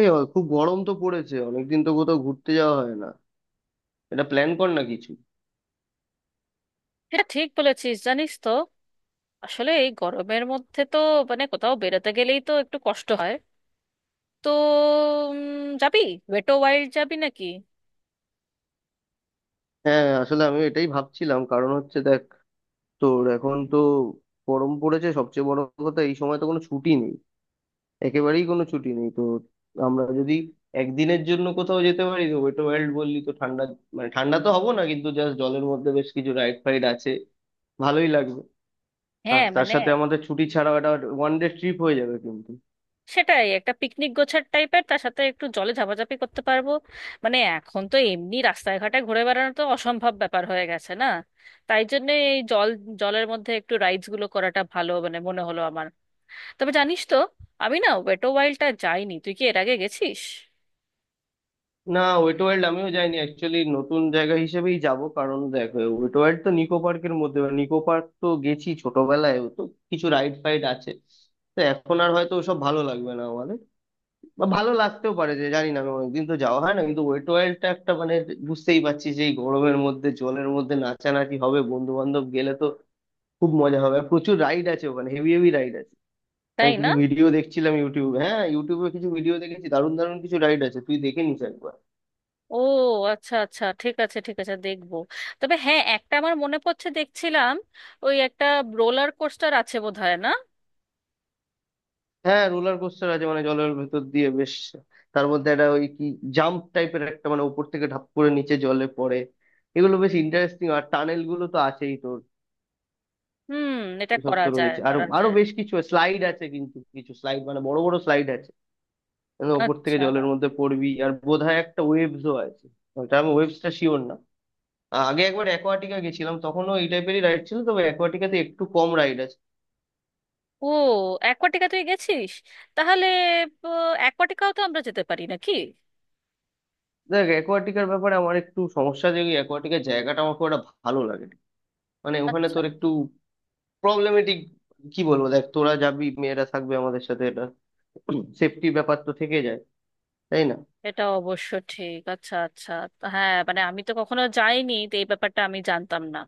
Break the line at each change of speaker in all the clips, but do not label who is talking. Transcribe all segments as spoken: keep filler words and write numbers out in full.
এই অ- খুব গরম তো পড়েছে, অনেকদিন তো কোথাও ঘুরতে যাওয়া হয় না। এটা প্ল্যান কর না কিছু।
এটা ঠিক বলেছিস জানিস তো। আসলে এই গরমের মধ্যে তো মানে কোথাও বেরোতে গেলেই তো একটু কষ্ট হয়। তো উম, যাবি? ওয়েটো ওয়াইল্ড যাবি নাকি?
হ্যাঁ, আসলে আমি এটাই ভাবছিলাম, কারণ হচ্ছে দেখ তোর এখন তো গরম পড়েছে, সবচেয়ে বড় কথা এই সময় তো কোনো ছুটি নেই, একেবারেই কোনো ছুটি নেই। তো আমরা যদি একদিনের জন্য কোথাও যেতে পারি, তো ওয়েট ওয়ার্ল্ড বললি, তো ঠান্ডা মানে ঠান্ডা তো হবো না, কিন্তু জাস্ট জলের মধ্যে বেশ কিছু রাইড ফাইড আছে, ভালোই লাগবে। আর
হ্যাঁ
তার
মানে
সাথে আমাদের ছুটি ছাড়াও একটা ওয়ান ডে ট্রিপ হয়ে যাবে কিন্তু।
সেটাই, একটা পিকনিক গোছার টাইপের, তার সাথে একটু জলে ঝাপাঝাপি করতে পারবো। মানে এখন তো এমনি রাস্তায় ঘাটে ঘুরে বেড়ানো তো অসম্ভব ব্যাপার হয়ে গেছে না? তাই জন্য এই জল জলের মধ্যে একটু রাইডস গুলো করাটা ভালো মানে মনে হলো আমার। তবে জানিস তো, আমি না ওয়েটো ওয়াইল্ডটা যাইনি, তুই কি এর আগে গেছিস?
না, ওয়েট ওয়ার্ল্ড আমিও যাইনি অ্যাকচুয়ালি, নতুন জায়গা হিসেবেই যাব। কারণ দেখো ওয়েট ওয়ার্ল্ড তো নিকো পার্কের মধ্যে, নিকো পার্ক তো গেছি ছোটবেলায়, ও তো কিছু রাইড ফাইড আছে। তো এখন আর হয়তো ওসব ভালো লাগবে না আমাদের, বা ভালো লাগতেও পারে, যে জানি না, আমি অনেকদিন তো যাওয়া হয় না। কিন্তু ওয়েট ওয়ার্ল্ডটা একটা মানে বুঝতেই পারছি যে এই গরমের মধ্যে জলের মধ্যে নাচানাচি হবে, বন্ধু বান্ধব গেলে তো খুব মজা হবে। আর প্রচুর রাইড আছে ওখানে, হেভি হেভি রাইড আছে। আমি
তাই
কিছু
না।
ভিডিও দেখছিলাম ইউটিউবে, হ্যাঁ ইউটিউবে কিছু ভিডিও দেখেছি, দারুণ দারুণ কিছু রাইড আছে, তুই দেখে নিস একবার।
ও, আচ্ছা আচ্ছা, ঠিক আছে ঠিক আছে, দেখবো। তবে হ্যাঁ, একটা আমার মনে পড়ছে, দেখছিলাম ওই একটা রোলার কোস্টার আছে বোধহয়, না?
হ্যাঁ, রোলার কোস্টার আছে মানে জলের ভেতর দিয়ে বেশ। তার মধ্যে একটা ওই কি জাম্প টাইপের একটা, মানে উপর থেকে ঢাপ করে নিচে জলে পড়ে, এগুলো বেশ ইন্টারেস্টিং। আর টানেল গুলো তো আছেই তোর।
হুম, এটা
এসব
করা
তো
যায়
রয়েছে, আর
করা
আরো
যায়।
বেশ কিছু স্লাইড আছে, কিন্তু কিছু স্লাইড মানে বড় বড় স্লাইড আছে, মানে উপর থেকে
আচ্ছা।
জলের মধ্যে পড়বি। আর বোধহয় একটা ওয়েবসও আছে, ওটা আমি ওয়েবসটা শিওর না। আগে একবার অ্যাকোয়াটিকা গেছিলাম, তখনও এই টাইপেরই রাইড ছিল, তবে অ্যাকোয়াটিকাতে একটু কম রাইড আছে।
ও, অ্যাকোয়াটিকা তুই গেছিস? তাহলে অ্যাকোয়াটিকাও তো আমরা যেতে পারি নাকি?
দেখ অ্যাকোয়াটিকার ব্যাপারে আমার একটু সমস্যা, যে অ্যাকোয়াটিকার জায়গাটা আমার খুব একটা ভালো লাগে না। মানে ওখানে
আচ্ছা,
তোর একটু প্রবলেমেটিক, কি বলবো, দেখ তোরা যাবি, মেয়েরা থাকবে আমাদের সাথে, এটা সেফটি ব্যাপার তো থেকে যায়, তাই না।
এটা অবশ্য ঠিক। আচ্ছা আচ্ছা। তা হ্যাঁ মানে আমি তো কখনো যাইনি তো এই ব্যাপারটা আমি জানতাম না,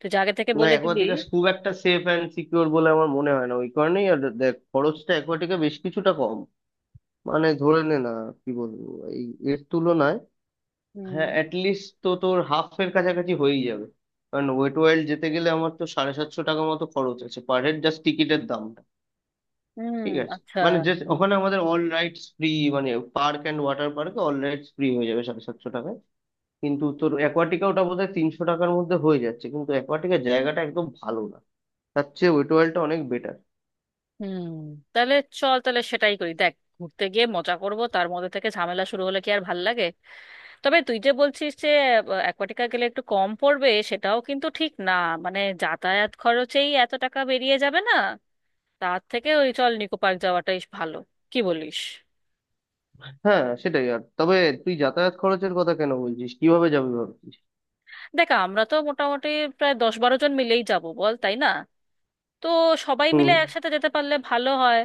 তুই যে আগে থেকে
না,
বলে দিলি।
অ্যাকোয়াটিকা খুব একটা সেফ অ্যান্ড সিকিউর বলে আমার মনে হয় না, ওই কারণেই। আর দেখ খরচটা অ্যাকোয়াটিকা বেশ কিছুটা কম, মানে ধরে নে না, কি বলবো, এই, এর তুলনায়
হুম।
হ্যাঁ অ্যাটলিস্ট তো তোর হাফ এর কাছাকাছি হয়েই যাবে। কারণ ওয়েট ওয়াইল্ড যেতে গেলে আমার তো সাড়ে সাতশো টাকা মতো খরচ আছে পার হেড, জাস্ট টিকিটের দাম।
হুম।
ঠিক আছে,
আচ্ছা।
মানে যে ওখানে আমাদের অল রাইটস ফ্রি, মানে পার্ক অ্যান্ড ওয়াটার পার্কে অল রাইটস ফ্রি হয়ে যাবে সাড়ে সাতশো টাকায়। কিন্তু তোর অ্যাকোয়াটিকা ওটা বোধহয় তিনশো টাকার মধ্যে হয়ে যাচ্ছে, কিন্তু অ্যাকোয়াটিকার জায়গাটা একদম ভালো না, তার চেয়ে ওয়েট ওয়ার্ল্ডটা অনেক বেটার।
হুম। তাহলে চল, তাহলে সেটাই করি দেখ। ঘুরতে গিয়ে মজা করব তার মধ্যে থেকে ঝামেলা শুরু হলে কি আর ভাল লাগে? তবে তুই যে বলছিস যে অ্যাকোয়াটিকা গেলে একটু কম পড়বে সেটাও কিন্তু ঠিক না। মানে যাতায়াত খরচেই এত টাকা বেরিয়ে যাবে না? তার থেকে ওই চল নিকো পার্ক যাওয়াটাই ভালো, কি বলিস?
হ্যাঁ সেটাই। আর তবে তুই যাতায়াত খরচের কথা কেন বলছিস, কিভাবে যাবি ভাবছিস?
দেখ আমরা তো মোটামুটি প্রায় দশ বারো জন মিলেই যাব বল, তাই না? তো সবাই
হুম।
মিলে একসাথে যেতে পারলে ভালো হয়।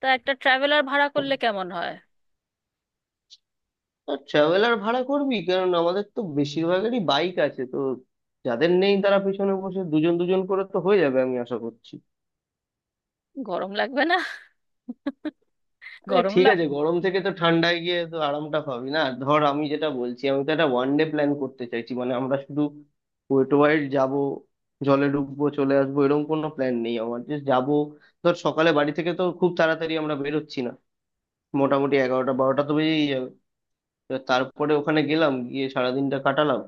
তা একটা ট্রাভেলার ভাড়া করলে কেমন হয়?
ট্রাভেলার ভাড়া করবি? কারণ আমাদের তো বেশিরভাগেরই বাইক আছে তো, যাদের নেই তারা পিছনে বসে দুজন দুজন করে তো হয়ে যাবে, আমি আশা করছি।
গরম লাগবে না?
এ
গরম
ঠিক আছে,
লাগবে।
গরম থেকে তো ঠান্ডায় গিয়ে তো আরামটা পাবি না। আর ধর আমি যেটা বলছি, আমি তো একটা ওয়ান ডে প্ল্যান করতে চাইছি, মানে আমরা শুধু ওয়েট ওয়াইড যাব, জলে ডুববো চলে আসবো, এরকম কোনো প্ল্যান নেই আমার যে যাবো। ধর সকালে বাড়ি থেকে তো খুব তাড়াতাড়ি আমরা বেরোচ্ছি না, মোটামুটি এগারোটা বারোটা তো বেজেই যাবে। এবার তারপরে ওখানে গেলাম, গিয়ে সারাদিনটা কাটালাম,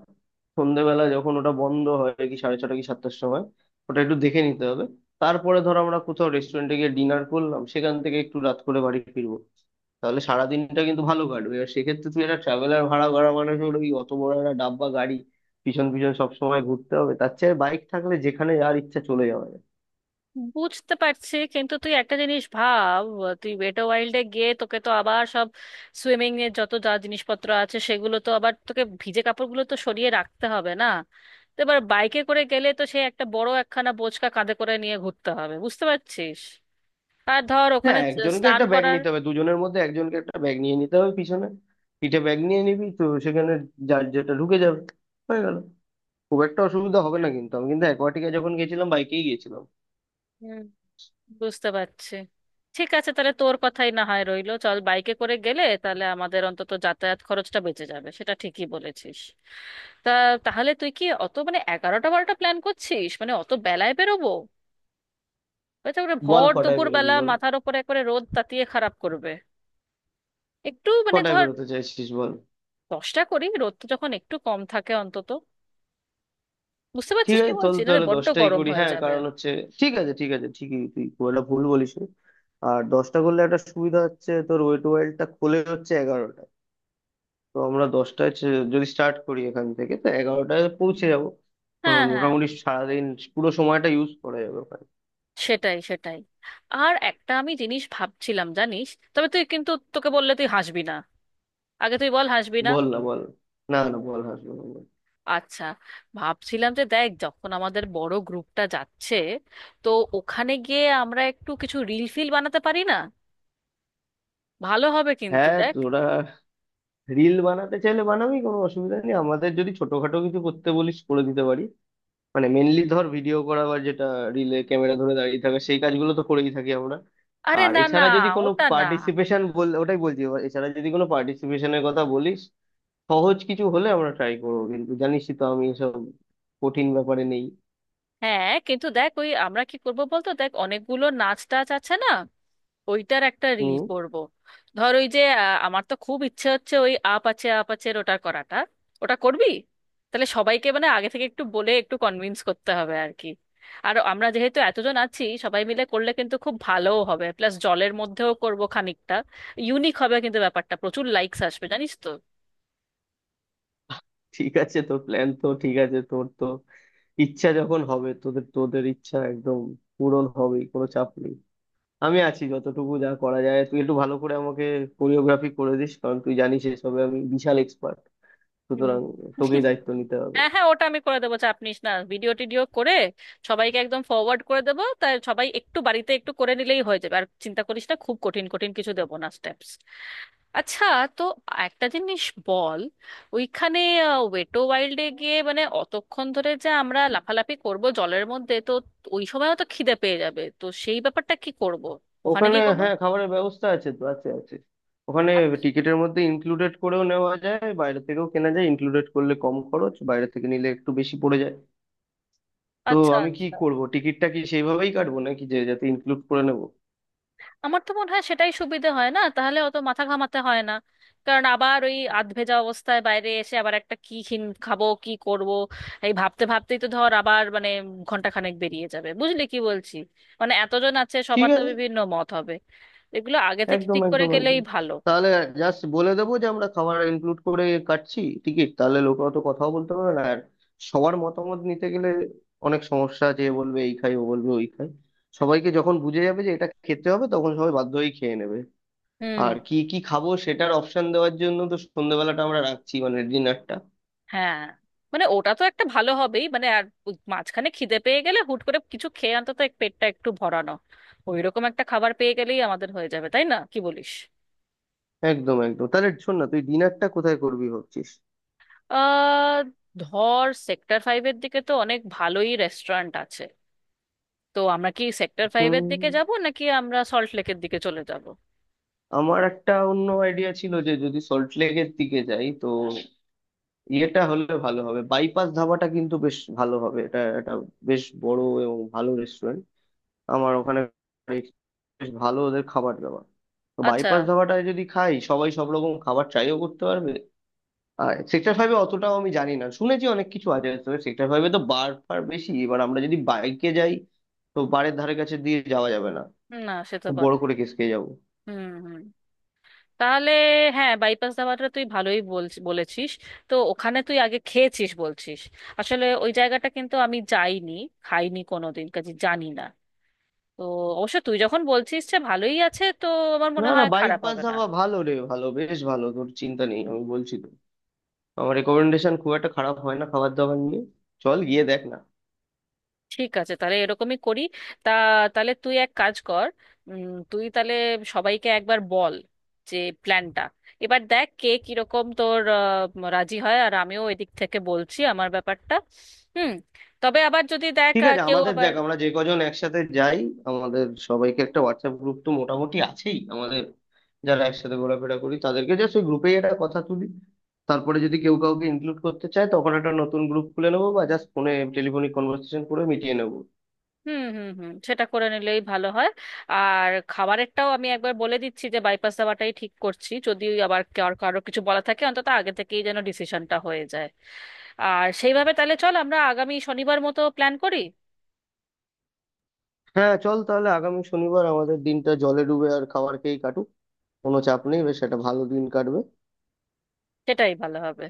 সন্ধেবেলা যখন ওটা বন্ধ হয় কি সাড়ে ছটা কি সাতটার সময়, ওটা একটু দেখে নিতে হবে। তারপরে ধরো আমরা কোথাও রেস্টুরেন্টে গিয়ে ডিনার করলাম, সেখান থেকে একটু রাত করে বাড়ি ফিরবো, তাহলে সারাদিনটা কিন্তু ভালো কাটবে। এবার সেক্ষেত্রে তুই একটা ট্রাভেলার ভাড়া করা মানে হলো ওই অত বড় একটা ডাব্বা গাড়ি পিছন পিছন সব সময় ঘুরতে হবে, তার চেয়ে বাইক থাকলে যেখানে যার ইচ্ছা চলে যাওয়া যায়।
বুঝতে পারছি, কিন্তু তুই একটা জিনিস ভাব। তুই ওয়েট ওয়াইল্ডে গিয়ে তোকে তো আবার সব সুইমিং এর যত যা জিনিসপত্র আছে সেগুলো তো আবার তোকে, ভিজে কাপড়গুলো তো সরিয়ে রাখতে হবে না? তো এবার বাইকে করে গেলে তো সে একটা বড় একখানা বোঁচকা কাঁধে করে নিয়ে ঘুরতে হবে, বুঝতে পারছিস? আর ধর ওখানে
হ্যাঁ, একজনকে
স্নান
একটা ব্যাগ
করার।
নিতে হবে, দুজনের মধ্যে একজনকে একটা ব্যাগ নিয়ে নিতে হবে পিছনে, পিঠে ব্যাগ নিয়ে নিবি, তো সেখানে যার যেটা ঢুকে যাবে, হয়ে গেল। খুব একটা অসুবিধা হবে না। কিন্তু আমি কিন্তু অ্যাকোয়াটিকা যখন গেছিলাম বাইকেই গেছিলাম।
বুঝতে পারছি। ঠিক আছে, তাহলে তোর কথাই না হয় রইলো, চল বাইকে করে গেলে তাহলে আমাদের অন্তত যাতায়াত খরচটা বেঁচে যাবে, সেটা ঠিকই বলেছিস। তা তাহলে তুই কি অত মানে এগারোটা বারোটা প্ল্যান করছিস, মানে অত বেলায় বেরোবো? হয়তো ওরা
বল
ভর
কটায়
দুপুর
বেরোবি
বেলা
বল,
মাথার ওপরে একবারে রোদ তাতিয়ে খারাপ করবে। একটু মানে
কটায়
ধর
বেরোতে চাইছিস বল।
দশটা করি, রোদটা যখন একটু কম থাকে অন্তত। বুঝতে
ঠিক
পারছিস কি
আছে, চল
বলছি, না?
তাহলে
বড্ড
দশটাই
গরম
করি,
হয়ে
হ্যাঁ
যাবে।
কারণ হচ্ছে ঠিক আছে ঠিক আছে, ঠিকই তুই খুব একটা ভুল বলিস নি। আর দশটা করলে একটা সুবিধা হচ্ছে, তোর ওয়েট ওয়াইল্ডটা খোলে হচ্ছে এগারোটায়, তো আমরা দশটায় ছে- যদি স্টার্ট করি এখান থেকে, তো এগারোটায় পৌঁছে যাবো। আহ,
হ্যাঁ হ্যাঁ।
মোটামুটি সারাদিন পুরো সময়টা ইউজ করা যাবে ওখানে।
সেটাই সেটাই। আর একটা আমি জিনিস ভাবছিলাম জানিস। তবে তুই কিন্তু, তোকে বললে তুই হাসবি না, আগে তুই বল হাসবি না।
বল না বল, না না বল, হাসবো না বল।
আচ্ছা, ভাবছিলাম যে দেখ যখন আমাদের বড় গ্রুপটা যাচ্ছে, তো ওখানে গিয়ে আমরা একটু কিছু রিল ফিল বানাতে পারি না? ভালো হবে কিন্তু,
হ্যাঁ,
দেখ।
তোরা রিল বানাতে চাইলে বানাবি, কোনো অসুবিধা নেই, আমাদের যদি ছোটখাটো কিছু করতে বলিস করে দিতে পারি। মানে মেনলি ধর ভিডিও করা বা যেটা রিলে ক্যামেরা ধরে দাঁড়িয়ে থাকা, সেই কাজগুলো তো করেই থাকি আমরা।
আরে
আর
না না।
এছাড়া যদি কোনো
ওটা না।
পার্টিসিপেশন বল, ওটাই বলছি, এবার এছাড়া যদি কোনো পার্টিসিপেশনের কথা বলিস, সহজ কিছু হলে আমরা ট্রাই করবো, কিন্তু জানিসই তো আমি এসব কঠিন ব্যাপারে নেই।
হ্যাঁ কিন্তু দেখ ওই আমরা কি করবো বলতো, দেখ অনেকগুলো নাচ টাচ আছে না? ওইটার একটা রিল
হুম।
করব। ধর ওই যে আহ, আমার তো খুব ইচ্ছে হচ্ছে ওই আপ আছে আপ আছে ওটা করাটা। ওটা করবি? তাহলে সবাইকে মানে আগে থেকে একটু বলে একটু কনভিন্স করতে হবে আর কি। আর আমরা যেহেতু এতজন আছি সবাই মিলে করলে কিন্তু খুব ভালোও হবে, প্লাস জলের মধ্যেও করব খানিকটা। ইউনিক হবে কিন্তু ব্যাপারটা, প্রচুর লাইকস আসবে জানিস তো।
ঠিক আছে তোর প্ল্যান তো ঠিক আছে, তোর তো ইচ্ছা যখন হবে, তোদের তোদের ইচ্ছা একদম পূরণ হবেই, কোনো চাপ নেই। আমি আছি, যতটুকু যা করা যায়। তুই একটু ভালো করে আমাকে কোরিওগ্রাফি করে দিস, কারণ তুই জানিস এসবে আমি বিশাল এক্সপার্ট, সুতরাং
হুম।
তোকেই দায়িত্ব নিতে হবে।
হ্যাঁ হ্যাঁ, ওটা আমি করে দেবো, চাপ নিস না। ভিডিও টিডিও করে সবাইকে একদম ফরওয়ার্ড করে দেবো, তাই সবাই একটু বাড়িতে একটু করে নিলেই হয়ে যাবে। আর চিন্তা করিস না, খুব কঠিন কঠিন কিছু দেবো না স্টেপস। আচ্ছা। তো একটা জিনিস বল। ওইখানে ওয়েটো ওয়াইল্ডে গিয়ে মানে অতক্ষণ ধরে যে আমরা লাফালাফি করব জলের মধ্যে, তো ওই সময়ও তো খিদে পেয়ে যাবে, তো সেই ব্যাপারটা কি করব? ওখানে
ওখানে
কি কোনো?
হ্যাঁ খাবারের ব্যবস্থা আছে, তো আছে আছে। ওখানে টিকিটের মধ্যে ইনক্লুডেড করেও নেওয়া যায়, বাইরে থেকেও কেনা যায়, ইনক্লুডেড করলে কম খরচ, বাইরে থেকে নিলে একটু বেশি পড়ে যায়। তো
আচ্ছা
আমি কি
আচ্ছা।
করব, টিকিটটা কি সেইভাবেই কাটবো নাকি, যে যাতে ইনক্লুড করে নেব?
আমার তো মনে হয় সেটাই সুবিধে হয় না? তাহলে অত মাথা ঘামাতে হয় না। কারণ আবার ওই আধভেজা অবস্থায় বাইরে এসে আবার একটা কি খিন খাবো কি করব এই ভাবতে ভাবতেই তো ধর আবার মানে ঘন্টাখানেক বেরিয়ে যাবে, বুঝলি কি বলছি? মানে এতজন আছে
ঠিক
সবার তো
আছে,
বিভিন্ন মত হবে। এগুলো আগে থেকে
একদম
ঠিক করে
একদম
গেলেই
একদম।
ভালো।
তাহলে জাস্ট বলে দেবো যে আমরা খাবার ইনক্লুড করে কাটছি টিকিট, তাহলে লোক অত কথাও বলতে পারবে না আর। সবার মতামত নিতে গেলে অনেক সমস্যা আছে, এ বলবে এই খাই, ও বলবে ওই খাই, সবাইকে যখন বুঝে যাবে যে এটা খেতে হবে, তখন সবাই বাধ্য হয়েই খেয়ে নেবে।
হুম।
আর কি কি খাবো সেটার অপশন দেওয়ার জন্য তো সন্ধ্যেবেলাটা আমরা রাখছি, মানে ডিনারটা।
হ্যাঁ মানে ওটা তো একটা ভালো হবেই মানে, আর ওই মাঝখানে খিদে পেয়ে গেলে হুট করে কিছু খেয়ে অন্তত এক পেটটা একটু ভরানো, ওইরকম একটা খাবার পেয়ে গেলেই আমাদের হয়ে যাবে, তাই না? কি বলিস?
একদম একদম। তাহলে শোন না, তুই ডিনারটা কোথায় করবি ভাবছিস?
আহ ধর সেক্টর ফাইভের দিকে তো অনেক ভালোই রেস্টুরেন্ট আছে। তো আমরা কি সেক্টর ফাইভের দিকে
হুম,
যাব নাকি আমরা সল্ট লেকের দিকে চলে যাব?
আমার একটা অন্য আইডিয়া ছিল, যে যদি সল্ট লেকের দিকে যাই, তো ইয়েটা হলে ভালো হবে, বাইপাস ধাবাটা কিন্তু বেশ ভালো হবে, এটা একটা বেশ বড় এবং ভালো রেস্টুরেন্ট। আমার ওখানে বেশ ভালো ওদের খাবার দাবার, তো
আচ্ছা।
বাইপাস ধাবাটায় যদি খাই, সবাই সব রকম খাবার ট্রাইও করতে পারবে। আর সেক্টর ফাইভে অতটাও আমি জানি না, শুনেছি অনেক কিছু আছে, তবে সেক্টর ফাইভে তো বার ফার বেশি, এবার আমরা যদি বাইকে যাই, তো বারের ধারে কাছে দিয়ে যাওয়া যাবে না,
না সে তো
খুব
বট।
বড় করে কেস খেয়ে যাবো।
হুম হুম। তাহলে হ্যাঁ বাইপাস দাবাটা তুই ভালোই বলছি বলেছিস। তো ওখানে তুই আগে খেয়েছিস বলছিস? আসলে ওই জায়গাটা কিন্তু আমি যাইনি, খাইনি কোনোদিন, কাজে জানি না। তো অবশ্য তুই যখন বলছিস যে ভালোই আছে তো আমার
না
মনে
না
হয়
বাইক
খারাপ
পাস
হবে না।
ধাবা ভালো রে, ভালো বেশ ভালো, তোর চিন্তা নেই, আমি বলছি তো। আমার রেকমেন্ডেশন খুব একটা খারাপ হয় না খাবার দাবার নিয়ে, চল গিয়ে দেখ না।
ঠিক আছে তাহলে এরকমই করি। তা তাহলে তুই এক কাজ কর। উম, তুই তাহলে সবাইকে একবার বল যে প্ল্যানটা, এবার দেখ কে কিরকম তোর আহ, রাজি হয়, আর আমিও এদিক থেকে বলছি আমার ব্যাপারটা। হুম। তবে আবার যদি দেখ
ঠিক
আহ,
আছে,
কেউ
আমাদের
আবার।
দেখ আমরা যে কজন একসাথে যাই, আমাদের সবাইকে একটা হোয়াটসঅ্যাপ গ্রুপ তো মোটামুটি আছেই আমাদের, যারা একসাথে ঘোরাফেরা করি, তাদেরকে জাস্ট ওই গ্রুপেই একটা কথা তুলি। তারপরে যদি কেউ কাউকে ইনক্লুড করতে চায়, তখন একটা নতুন গ্রুপ খুলে নেবো, বা জাস্ট ফোনে টেলিফোনিক কনভারসেশন করে মিটিয়ে নেবো।
হুম হুম হুম, সেটা করে নিলেই ভালো হয়। আর খাবারেরটাও আমি একবার বলে দিচ্ছি যে বাইপাস দাওয়াটাই ঠিক করছি, যদি আবার কার- কারো কিছু বলা থাকে অন্তত আগে থেকেই যেন ডিসিশনটা হয়ে যায়। আর সেইভাবে তাহলে চল আমরা আগামী শনিবার মতো প্ল্যান করি।
হ্যাঁ চল তাহলে আগামী শনিবার আমাদের দিনটা জলে ডুবে আর খাবার খেয়েই কাটুক, কোনো চাপ নেই, বেশ একটা ভালো দিন কাটবে।
সেটাই ভালো হবে।